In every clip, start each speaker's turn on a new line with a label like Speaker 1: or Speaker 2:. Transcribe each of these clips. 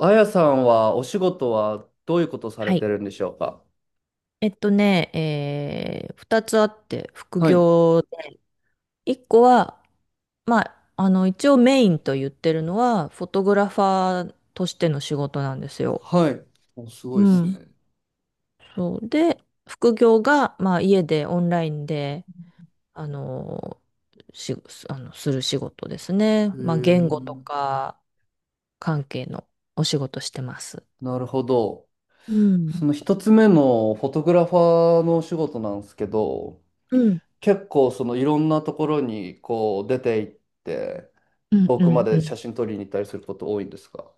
Speaker 1: あやさんはお仕事はどういうことされ
Speaker 2: は
Speaker 1: て
Speaker 2: い。
Speaker 1: るんでしょうか？
Speaker 2: えっとね、えー、二つあって、副
Speaker 1: はい。
Speaker 2: 業で。一個は、まあ、一応メインと言ってるのは、フォトグラファーとしての仕事なんですよ。
Speaker 1: はい。お、すご
Speaker 2: う
Speaker 1: いです
Speaker 2: ん。
Speaker 1: ね。
Speaker 2: そう。で、副業が、まあ、家でオンラインで、あの、し、あの、する仕事ですね。
Speaker 1: へ
Speaker 2: まあ、言語と
Speaker 1: え。
Speaker 2: か関係のお仕事してます。
Speaker 1: なるほど。
Speaker 2: うん。
Speaker 1: その一つ目のフォトグラファーのお仕事なんですけど、
Speaker 2: うん。
Speaker 1: 結構そのいろんなところに出て行って、
Speaker 2: うん、
Speaker 1: 遠
Speaker 2: う
Speaker 1: くま
Speaker 2: ん、う
Speaker 1: で写
Speaker 2: ん。
Speaker 1: 真撮りに行ったりすること多いんですか？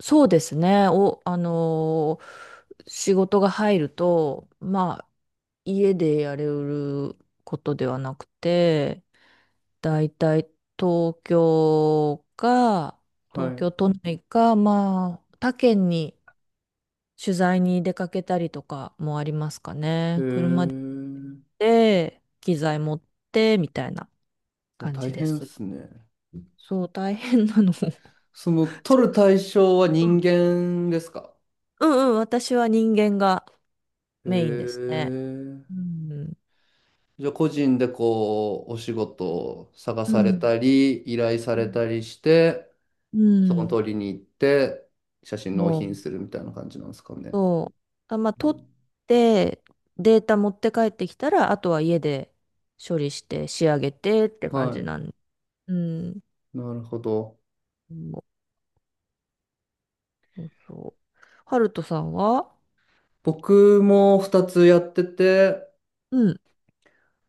Speaker 2: そうですね。お、あのー仕事が入ると、まあ、家でやれることではなくて、だいたい東京か、
Speaker 1: は
Speaker 2: 東
Speaker 1: い。
Speaker 2: 京都内か、まあ、他県に取材に出かけたりとかもありますか
Speaker 1: へ
Speaker 2: ね。車で行っ
Speaker 1: え。
Speaker 2: て機材持って、みたいな
Speaker 1: お、
Speaker 2: 感
Speaker 1: 大
Speaker 2: じで
Speaker 1: 変で
Speaker 2: す。
Speaker 1: すね。
Speaker 2: そう、大変なの。ちょっ
Speaker 1: その撮る対象は
Speaker 2: と、
Speaker 1: 人間ですか？
Speaker 2: うんうん、私は人間が
Speaker 1: へ
Speaker 2: メインですね。
Speaker 1: え。
Speaker 2: うん。
Speaker 1: じゃあ個人でお仕事を探
Speaker 2: う
Speaker 1: され
Speaker 2: ん。
Speaker 1: たり、依頼さ
Speaker 2: う
Speaker 1: れ
Speaker 2: ん。
Speaker 1: たりして、
Speaker 2: う
Speaker 1: そこの
Speaker 2: ん。
Speaker 1: 通りに行って、写真納
Speaker 2: そ
Speaker 1: 品
Speaker 2: う。
Speaker 1: するみたいな感じなんですかね。
Speaker 2: そう、まあ、
Speaker 1: う
Speaker 2: 取
Speaker 1: ん、
Speaker 2: って、データ持って帰ってきたら、あとは家で処理して仕上げてって感じ
Speaker 1: は
Speaker 2: なんで。うん。
Speaker 1: い。なるほど。
Speaker 2: そうそうそう。ハルトさんは。
Speaker 1: 僕も二つやってて、
Speaker 2: うん。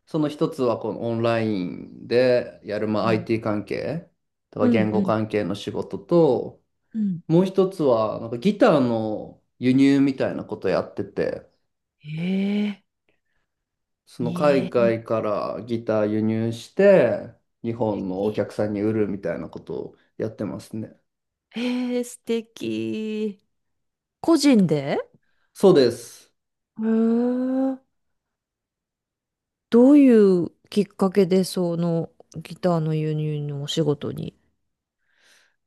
Speaker 1: その一つはこのオンラインでやる、ま
Speaker 2: う
Speaker 1: あ、
Speaker 2: ん
Speaker 1: IT 関係、と
Speaker 2: う
Speaker 1: か言
Speaker 2: んう
Speaker 1: 語
Speaker 2: ん。
Speaker 1: 関係の仕事と、
Speaker 2: うん。
Speaker 1: もう一つはなんかギターの輸入みたいなことやってて、
Speaker 2: ええ、
Speaker 1: その
Speaker 2: いい
Speaker 1: 海
Speaker 2: え、
Speaker 1: 外からギター輸入して、日本のお
Speaker 2: き
Speaker 1: 客さんに売るみたいなことをやってますね。
Speaker 2: ええ、素敵。個人で。
Speaker 1: そうです。
Speaker 2: へえ。どういうきっかけでそのギターの輸入のお仕事に。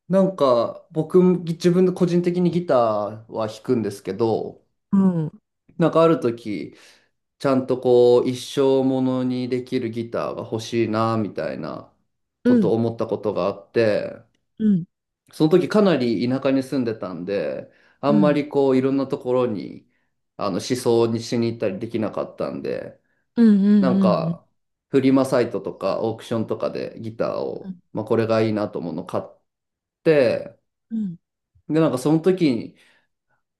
Speaker 1: なんか僕、自分で個人的にギターは弾くんですけど、
Speaker 2: うん。
Speaker 1: なんかある時、ちゃんと一生ものにできるギターが欲しいな、みたいな
Speaker 2: う
Speaker 1: ことを
Speaker 2: ん。
Speaker 1: 思ったことがあって、
Speaker 2: うん。
Speaker 1: その時かなり田舎に住んでたんで、あ
Speaker 2: う
Speaker 1: んま
Speaker 2: ん。
Speaker 1: りいろんなところに、思想にしに行ったりできなかったんで、
Speaker 2: うん。う
Speaker 1: なん
Speaker 2: ん。うん。
Speaker 1: か、フリマサイトとかオークションとかでギターを、
Speaker 2: う
Speaker 1: まあ、これがいいなと思うのを買って、
Speaker 2: ん。
Speaker 1: で、なんかその時に、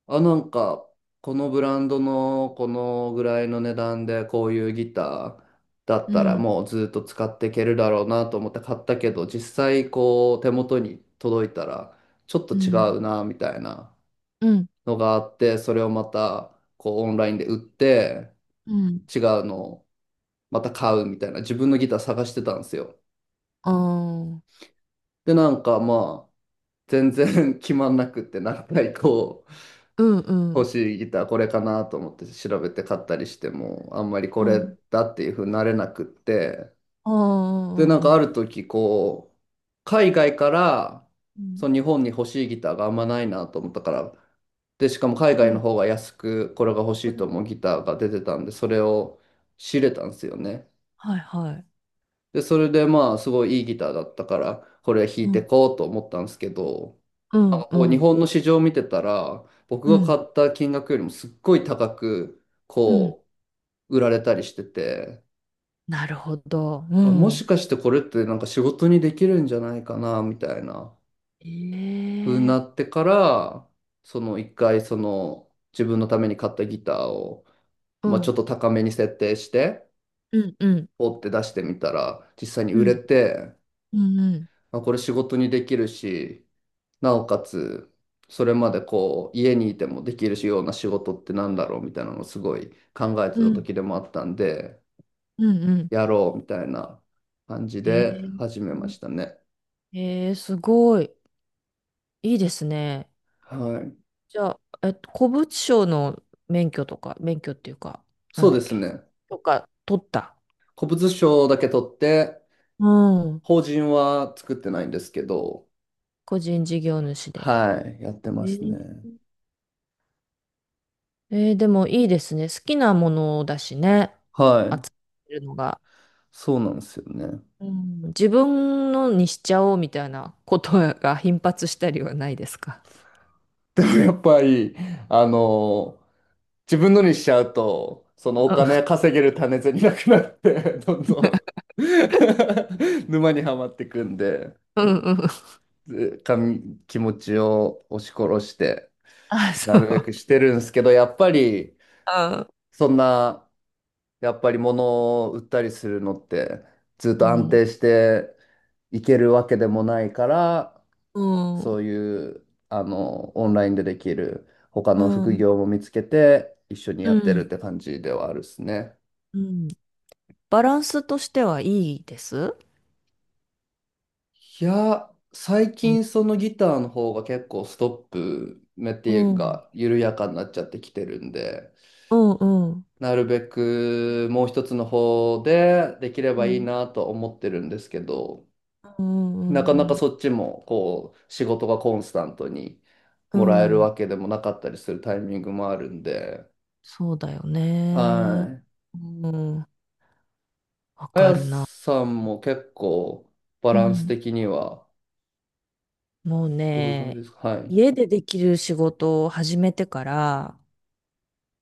Speaker 1: あ、なんか、このブランドのこのぐらいの値段でこういうギターだっ
Speaker 2: う
Speaker 1: たら
Speaker 2: ん。
Speaker 1: もうずっと使っていけるだろうなと思って買ったけど、実際こう手元に届いたらちょっと
Speaker 2: う
Speaker 1: 違う
Speaker 2: ん。
Speaker 1: なみたいな
Speaker 2: うん。
Speaker 1: のがあって、それをまたこうオンラインで売って
Speaker 2: うん。
Speaker 1: 違うのをまた買うみたいな自分のギター探してたんですよ。
Speaker 2: ああ。
Speaker 1: で、なんかまあ、全然 決まんなくって、何回こう、
Speaker 2: うん。う
Speaker 1: 欲
Speaker 2: ん。
Speaker 1: しいギターこれかなと思って調べて買ったりしても、あんまりこ
Speaker 2: う
Speaker 1: れ
Speaker 2: ん。
Speaker 1: だっていう風になれなくって、
Speaker 2: あ
Speaker 1: で、なんかある
Speaker 2: あ。
Speaker 1: 時こう、海外から、
Speaker 2: う
Speaker 1: そ
Speaker 2: ん。
Speaker 1: の日本に欲しいギターがあんまないなと思ったから、で、しかも海
Speaker 2: う
Speaker 1: 外の
Speaker 2: ん。
Speaker 1: 方が安く、これが欲
Speaker 2: う
Speaker 1: しいと
Speaker 2: ん。
Speaker 1: 思うギターが出てたんで、それを仕入れたんですよね。
Speaker 2: はいはい。
Speaker 1: で、それでまあ、すごいいいギターだったから、これ弾
Speaker 2: う
Speaker 1: いて
Speaker 2: ん。
Speaker 1: こうと思ったんですけど、
Speaker 2: う
Speaker 1: なん
Speaker 2: ん。
Speaker 1: か
Speaker 2: う
Speaker 1: こう日
Speaker 2: ん。
Speaker 1: 本の市場を見てたら僕
Speaker 2: う
Speaker 1: が
Speaker 2: ん。
Speaker 1: 買った金額よりもすっごい高く
Speaker 2: うん。
Speaker 1: こう売られたりしてて、
Speaker 2: なるほど。う
Speaker 1: あ、もし
Speaker 2: ん。
Speaker 1: かしてこれってなんか仕事にできるんじゃないかなみたいな
Speaker 2: え
Speaker 1: 風にな
Speaker 2: え。
Speaker 1: ってから、その一回その自分のために買ったギターを、
Speaker 2: う
Speaker 1: まあ、ちょ
Speaker 2: ん。
Speaker 1: っと高めに設定して
Speaker 2: うん。うん。
Speaker 1: ポって出してみたら実際に
Speaker 2: う
Speaker 1: 売れ
Speaker 2: ん。
Speaker 1: て、
Speaker 2: うん。
Speaker 1: あ、これ仕事にできるし、なおかつ、それまで家にいてもできるような仕事ってなんだろうみたいなのをすごい考えて
Speaker 2: うん。
Speaker 1: た
Speaker 2: うん。
Speaker 1: 時でもあったんで、
Speaker 2: うんうん。
Speaker 1: やろうみたいな感じ
Speaker 2: え
Speaker 1: で
Speaker 2: え。
Speaker 1: 始めましたね。
Speaker 2: ええ、すごい。いいですね。
Speaker 1: はい。
Speaker 2: じゃあ、古物商の免許とか、免許っていうか、な
Speaker 1: そ
Speaker 2: ん
Speaker 1: う
Speaker 2: だ
Speaker 1: で
Speaker 2: っ
Speaker 1: す
Speaker 2: け、
Speaker 1: ね。
Speaker 2: とか、取った。
Speaker 1: 古物商だけ取って、
Speaker 2: うん。
Speaker 1: 法人は作ってないんですけど、
Speaker 2: 個人事業主で。
Speaker 1: はい、やって
Speaker 2: え
Speaker 1: ますね。
Speaker 2: ー、でもいいですね。好きなものだしね。
Speaker 1: は
Speaker 2: 集
Speaker 1: い。
Speaker 2: めるのが。
Speaker 1: そうなんですよね。
Speaker 2: うん、自分のにしちゃおうみたいなことが頻発したりはないですか？
Speaker 1: やっぱり、あの、自分のにしちゃうと、そのお金 稼げる種銭なくなって、どんどん 沼にはまっていくんで、
Speaker 2: うんうんうん。
Speaker 1: ずかみ気持ちを押し殺して、
Speaker 2: あ、
Speaker 1: な
Speaker 2: そ
Speaker 1: るべく
Speaker 2: う。
Speaker 1: してるんですけど、やっぱり、そんな、やっぱり物を売ったりするのって、ずっ
Speaker 2: う
Speaker 1: と安
Speaker 2: ん。
Speaker 1: 定していけるわけでもないから、
Speaker 2: うん。
Speaker 1: そ
Speaker 2: う
Speaker 1: ういう、オンラインでできる他の副
Speaker 2: ん。
Speaker 1: 業も見つけて、一緒に
Speaker 2: う
Speaker 1: やってるっ
Speaker 2: ん。
Speaker 1: て感じではあるですね。
Speaker 2: うん。バランスとしてはいいです。
Speaker 1: いや、最
Speaker 2: うん。
Speaker 1: 近そのギターの方が結構ストップ目って
Speaker 2: う
Speaker 1: いう
Speaker 2: ん
Speaker 1: か、緩やかになっちゃってきてるんで、
Speaker 2: うんうん。
Speaker 1: なるべくもう一つの方でできれ
Speaker 2: う
Speaker 1: ばいい
Speaker 2: ん。
Speaker 1: なと思ってるんですけど、
Speaker 2: う
Speaker 1: な
Speaker 2: ん
Speaker 1: か
Speaker 2: う
Speaker 1: な
Speaker 2: ん
Speaker 1: か
Speaker 2: う
Speaker 1: そっちも仕事がコンスタントにもらえ
Speaker 2: ん。う
Speaker 1: る
Speaker 2: ん。
Speaker 1: わけでもなかったりするタイミングもあるんで、
Speaker 2: そうだよね。
Speaker 1: はい。
Speaker 2: うん。わ
Speaker 1: あ
Speaker 2: か
Speaker 1: や
Speaker 2: るな。
Speaker 1: さんも結構バ
Speaker 2: う
Speaker 1: ランス
Speaker 2: ん。
Speaker 1: 的には
Speaker 2: もう
Speaker 1: どういう感じで
Speaker 2: ね、
Speaker 1: すか？はい。
Speaker 2: 家でできる仕事を始めてから、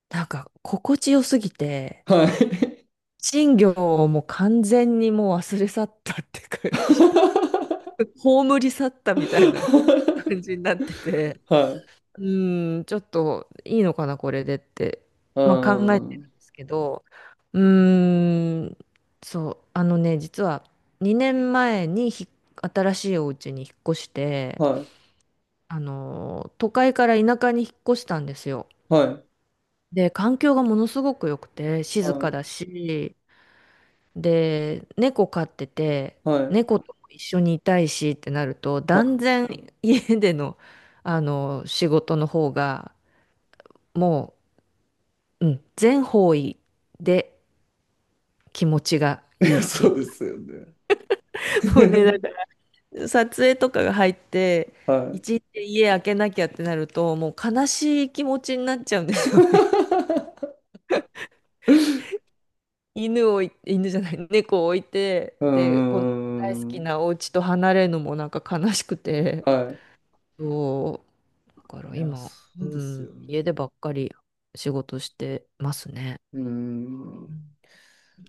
Speaker 2: なんか心地よすぎて、
Speaker 1: はい。
Speaker 2: 賃料をもう完全にもう忘れ去ったって感じ。葬り去ったみたいな 感じになってて。
Speaker 1: はい。
Speaker 2: うーん、ちょっといいのかな、これでって、
Speaker 1: うー
Speaker 2: まあ、考えて
Speaker 1: ん。
Speaker 2: るんですけど、うーん、そう、あのね、実は2年前に新しいお家に引っ越して、
Speaker 1: はい。
Speaker 2: 都会から田舎に引っ越したんですよ。
Speaker 1: はい。
Speaker 2: で、環境がものすごく良くて、静
Speaker 1: は
Speaker 2: か
Speaker 1: い。
Speaker 2: だし、で、猫飼ってて、
Speaker 1: はい。
Speaker 2: 猫とも一緒にいたいしってなると、
Speaker 1: は
Speaker 2: 断然家での、仕事の方が、もう、うん、全方位で気持ちが
Speaker 1: い。い
Speaker 2: い
Speaker 1: や、
Speaker 2: いってい
Speaker 1: そ
Speaker 2: う。
Speaker 1: うですよね。
Speaker 2: もうね、なんか 撮影とかが入って、
Speaker 1: はい。
Speaker 2: 一日家開けなきゃってなると、もう悲しい気持ちになっちゃうんですよね。犬を犬じゃない、猫を置いて、
Speaker 1: うー
Speaker 2: で、この大好き
Speaker 1: ん。
Speaker 2: なお家と離れるのもなんか悲しくて、
Speaker 1: はい。
Speaker 2: そう、だか
Speaker 1: い
Speaker 2: ら
Speaker 1: や、
Speaker 2: 今、
Speaker 1: そうで
Speaker 2: う
Speaker 1: す
Speaker 2: ん、
Speaker 1: よね。
Speaker 2: 家でばっかり仕事してますね。
Speaker 1: うー
Speaker 2: う
Speaker 1: ん。
Speaker 2: ん、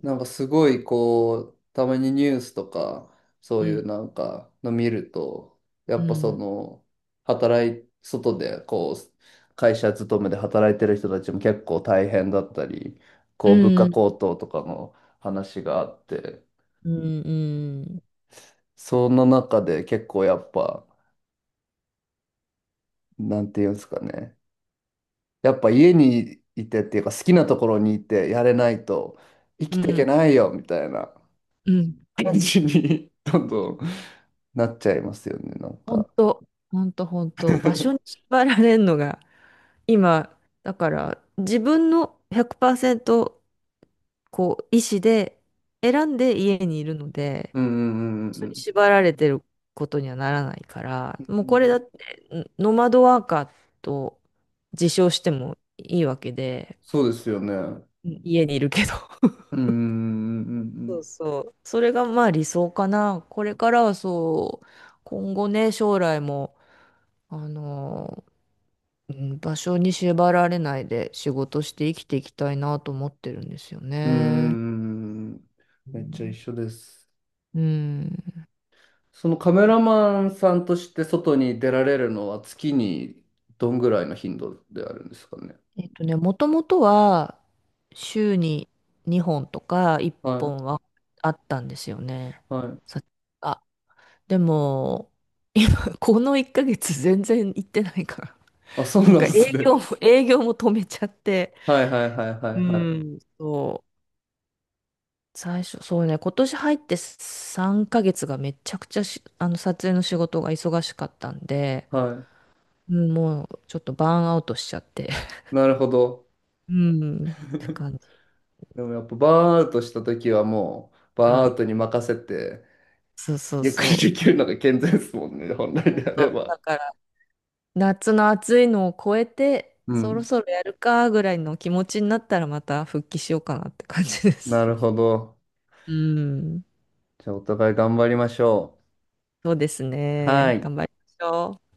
Speaker 1: なんかすごいたまにニュースとか、そうい
Speaker 2: う
Speaker 1: うなんかの見ると、やっぱそ
Speaker 2: ん、
Speaker 1: の、働い、外で会社勤めで働いてる人たちも結構大変だったり、
Speaker 2: う
Speaker 1: こう、物
Speaker 2: ん、
Speaker 1: 価
Speaker 2: うん、
Speaker 1: 高騰とかの話があって、
Speaker 2: うん、うん、
Speaker 1: その中で結構やっぱ、なんていうんですかね、やっぱ家にいてっていうか好きなところにいてやれないと生
Speaker 2: う
Speaker 1: きていけ
Speaker 2: ん。
Speaker 1: ないよみたいな。
Speaker 2: うん。
Speaker 1: 感じにどんどんなっちゃいますよね、なん
Speaker 2: 本
Speaker 1: か。
Speaker 2: 当、本当、本当、場所に 縛られるのが、今、だから、自分の100%、こう、意思で選んで家にいるので、
Speaker 1: うん、うん、うん、う
Speaker 2: 人に
Speaker 1: ん、
Speaker 2: 縛られてることにはならないか
Speaker 1: う
Speaker 2: ら、もうこれ
Speaker 1: ん。
Speaker 2: だって、ノマドワーカーと自称してもいいわけで、
Speaker 1: そうですよね。うん、
Speaker 2: うん、家にいるけど。
Speaker 1: うん、う
Speaker 2: そう
Speaker 1: ん、
Speaker 2: そう。それがまあ理想かな。これからはそう、今後ね、将来も、あのうん、場所に縛られないで仕事して生きていきたいなと思ってるんですよ
Speaker 1: う
Speaker 2: ね。
Speaker 1: ん。うーん。
Speaker 2: う
Speaker 1: めっちゃ一
Speaker 2: ん。
Speaker 1: 緒です。
Speaker 2: うん。
Speaker 1: そのカメラマンさんとして外に出られるのは月にどんぐらいの頻度であるんですかね。
Speaker 2: もともとは週に2本とか1
Speaker 1: は
Speaker 2: 本
Speaker 1: い。
Speaker 2: はあったんですよね。
Speaker 1: はい。
Speaker 2: さあ、でも、今、この1ヶ月全然行ってないから。
Speaker 1: あ、そう
Speaker 2: なん
Speaker 1: なん
Speaker 2: か
Speaker 1: で
Speaker 2: 営
Speaker 1: すね。
Speaker 2: 業も、営業も止めちゃって。
Speaker 1: はい、はい、はい、は
Speaker 2: う
Speaker 1: い、はい。
Speaker 2: ん、そう。最初、そうね、今年入って3ヶ月がめちゃくちゃし、あの、撮影の仕事が忙しかったんで、
Speaker 1: は
Speaker 2: うん、もうちょっとバーンアウトしちゃって。
Speaker 1: い。なるほど。
Speaker 2: うん。って 感じ。
Speaker 1: でもやっぱバーンアウトした時はもう
Speaker 2: う
Speaker 1: バーンアウ
Speaker 2: ん。
Speaker 1: トに任せて
Speaker 2: そうそう
Speaker 1: ゆっく
Speaker 2: そ
Speaker 1: りで
Speaker 2: う。
Speaker 1: きるのが健全ですもんね、本来
Speaker 2: 本
Speaker 1: であれ
Speaker 2: 当
Speaker 1: ば。
Speaker 2: だから、夏の暑いのを超えて、
Speaker 1: う
Speaker 2: そろ
Speaker 1: ん。
Speaker 2: そろやるかぐらいの気持ちになったらまた復帰しようかなって感じで
Speaker 1: な
Speaker 2: す。
Speaker 1: るほど。
Speaker 2: うん。
Speaker 1: じゃあ、お互い頑張りましょ
Speaker 2: そうです
Speaker 1: う。は
Speaker 2: ね。頑
Speaker 1: い。
Speaker 2: 張りましょう。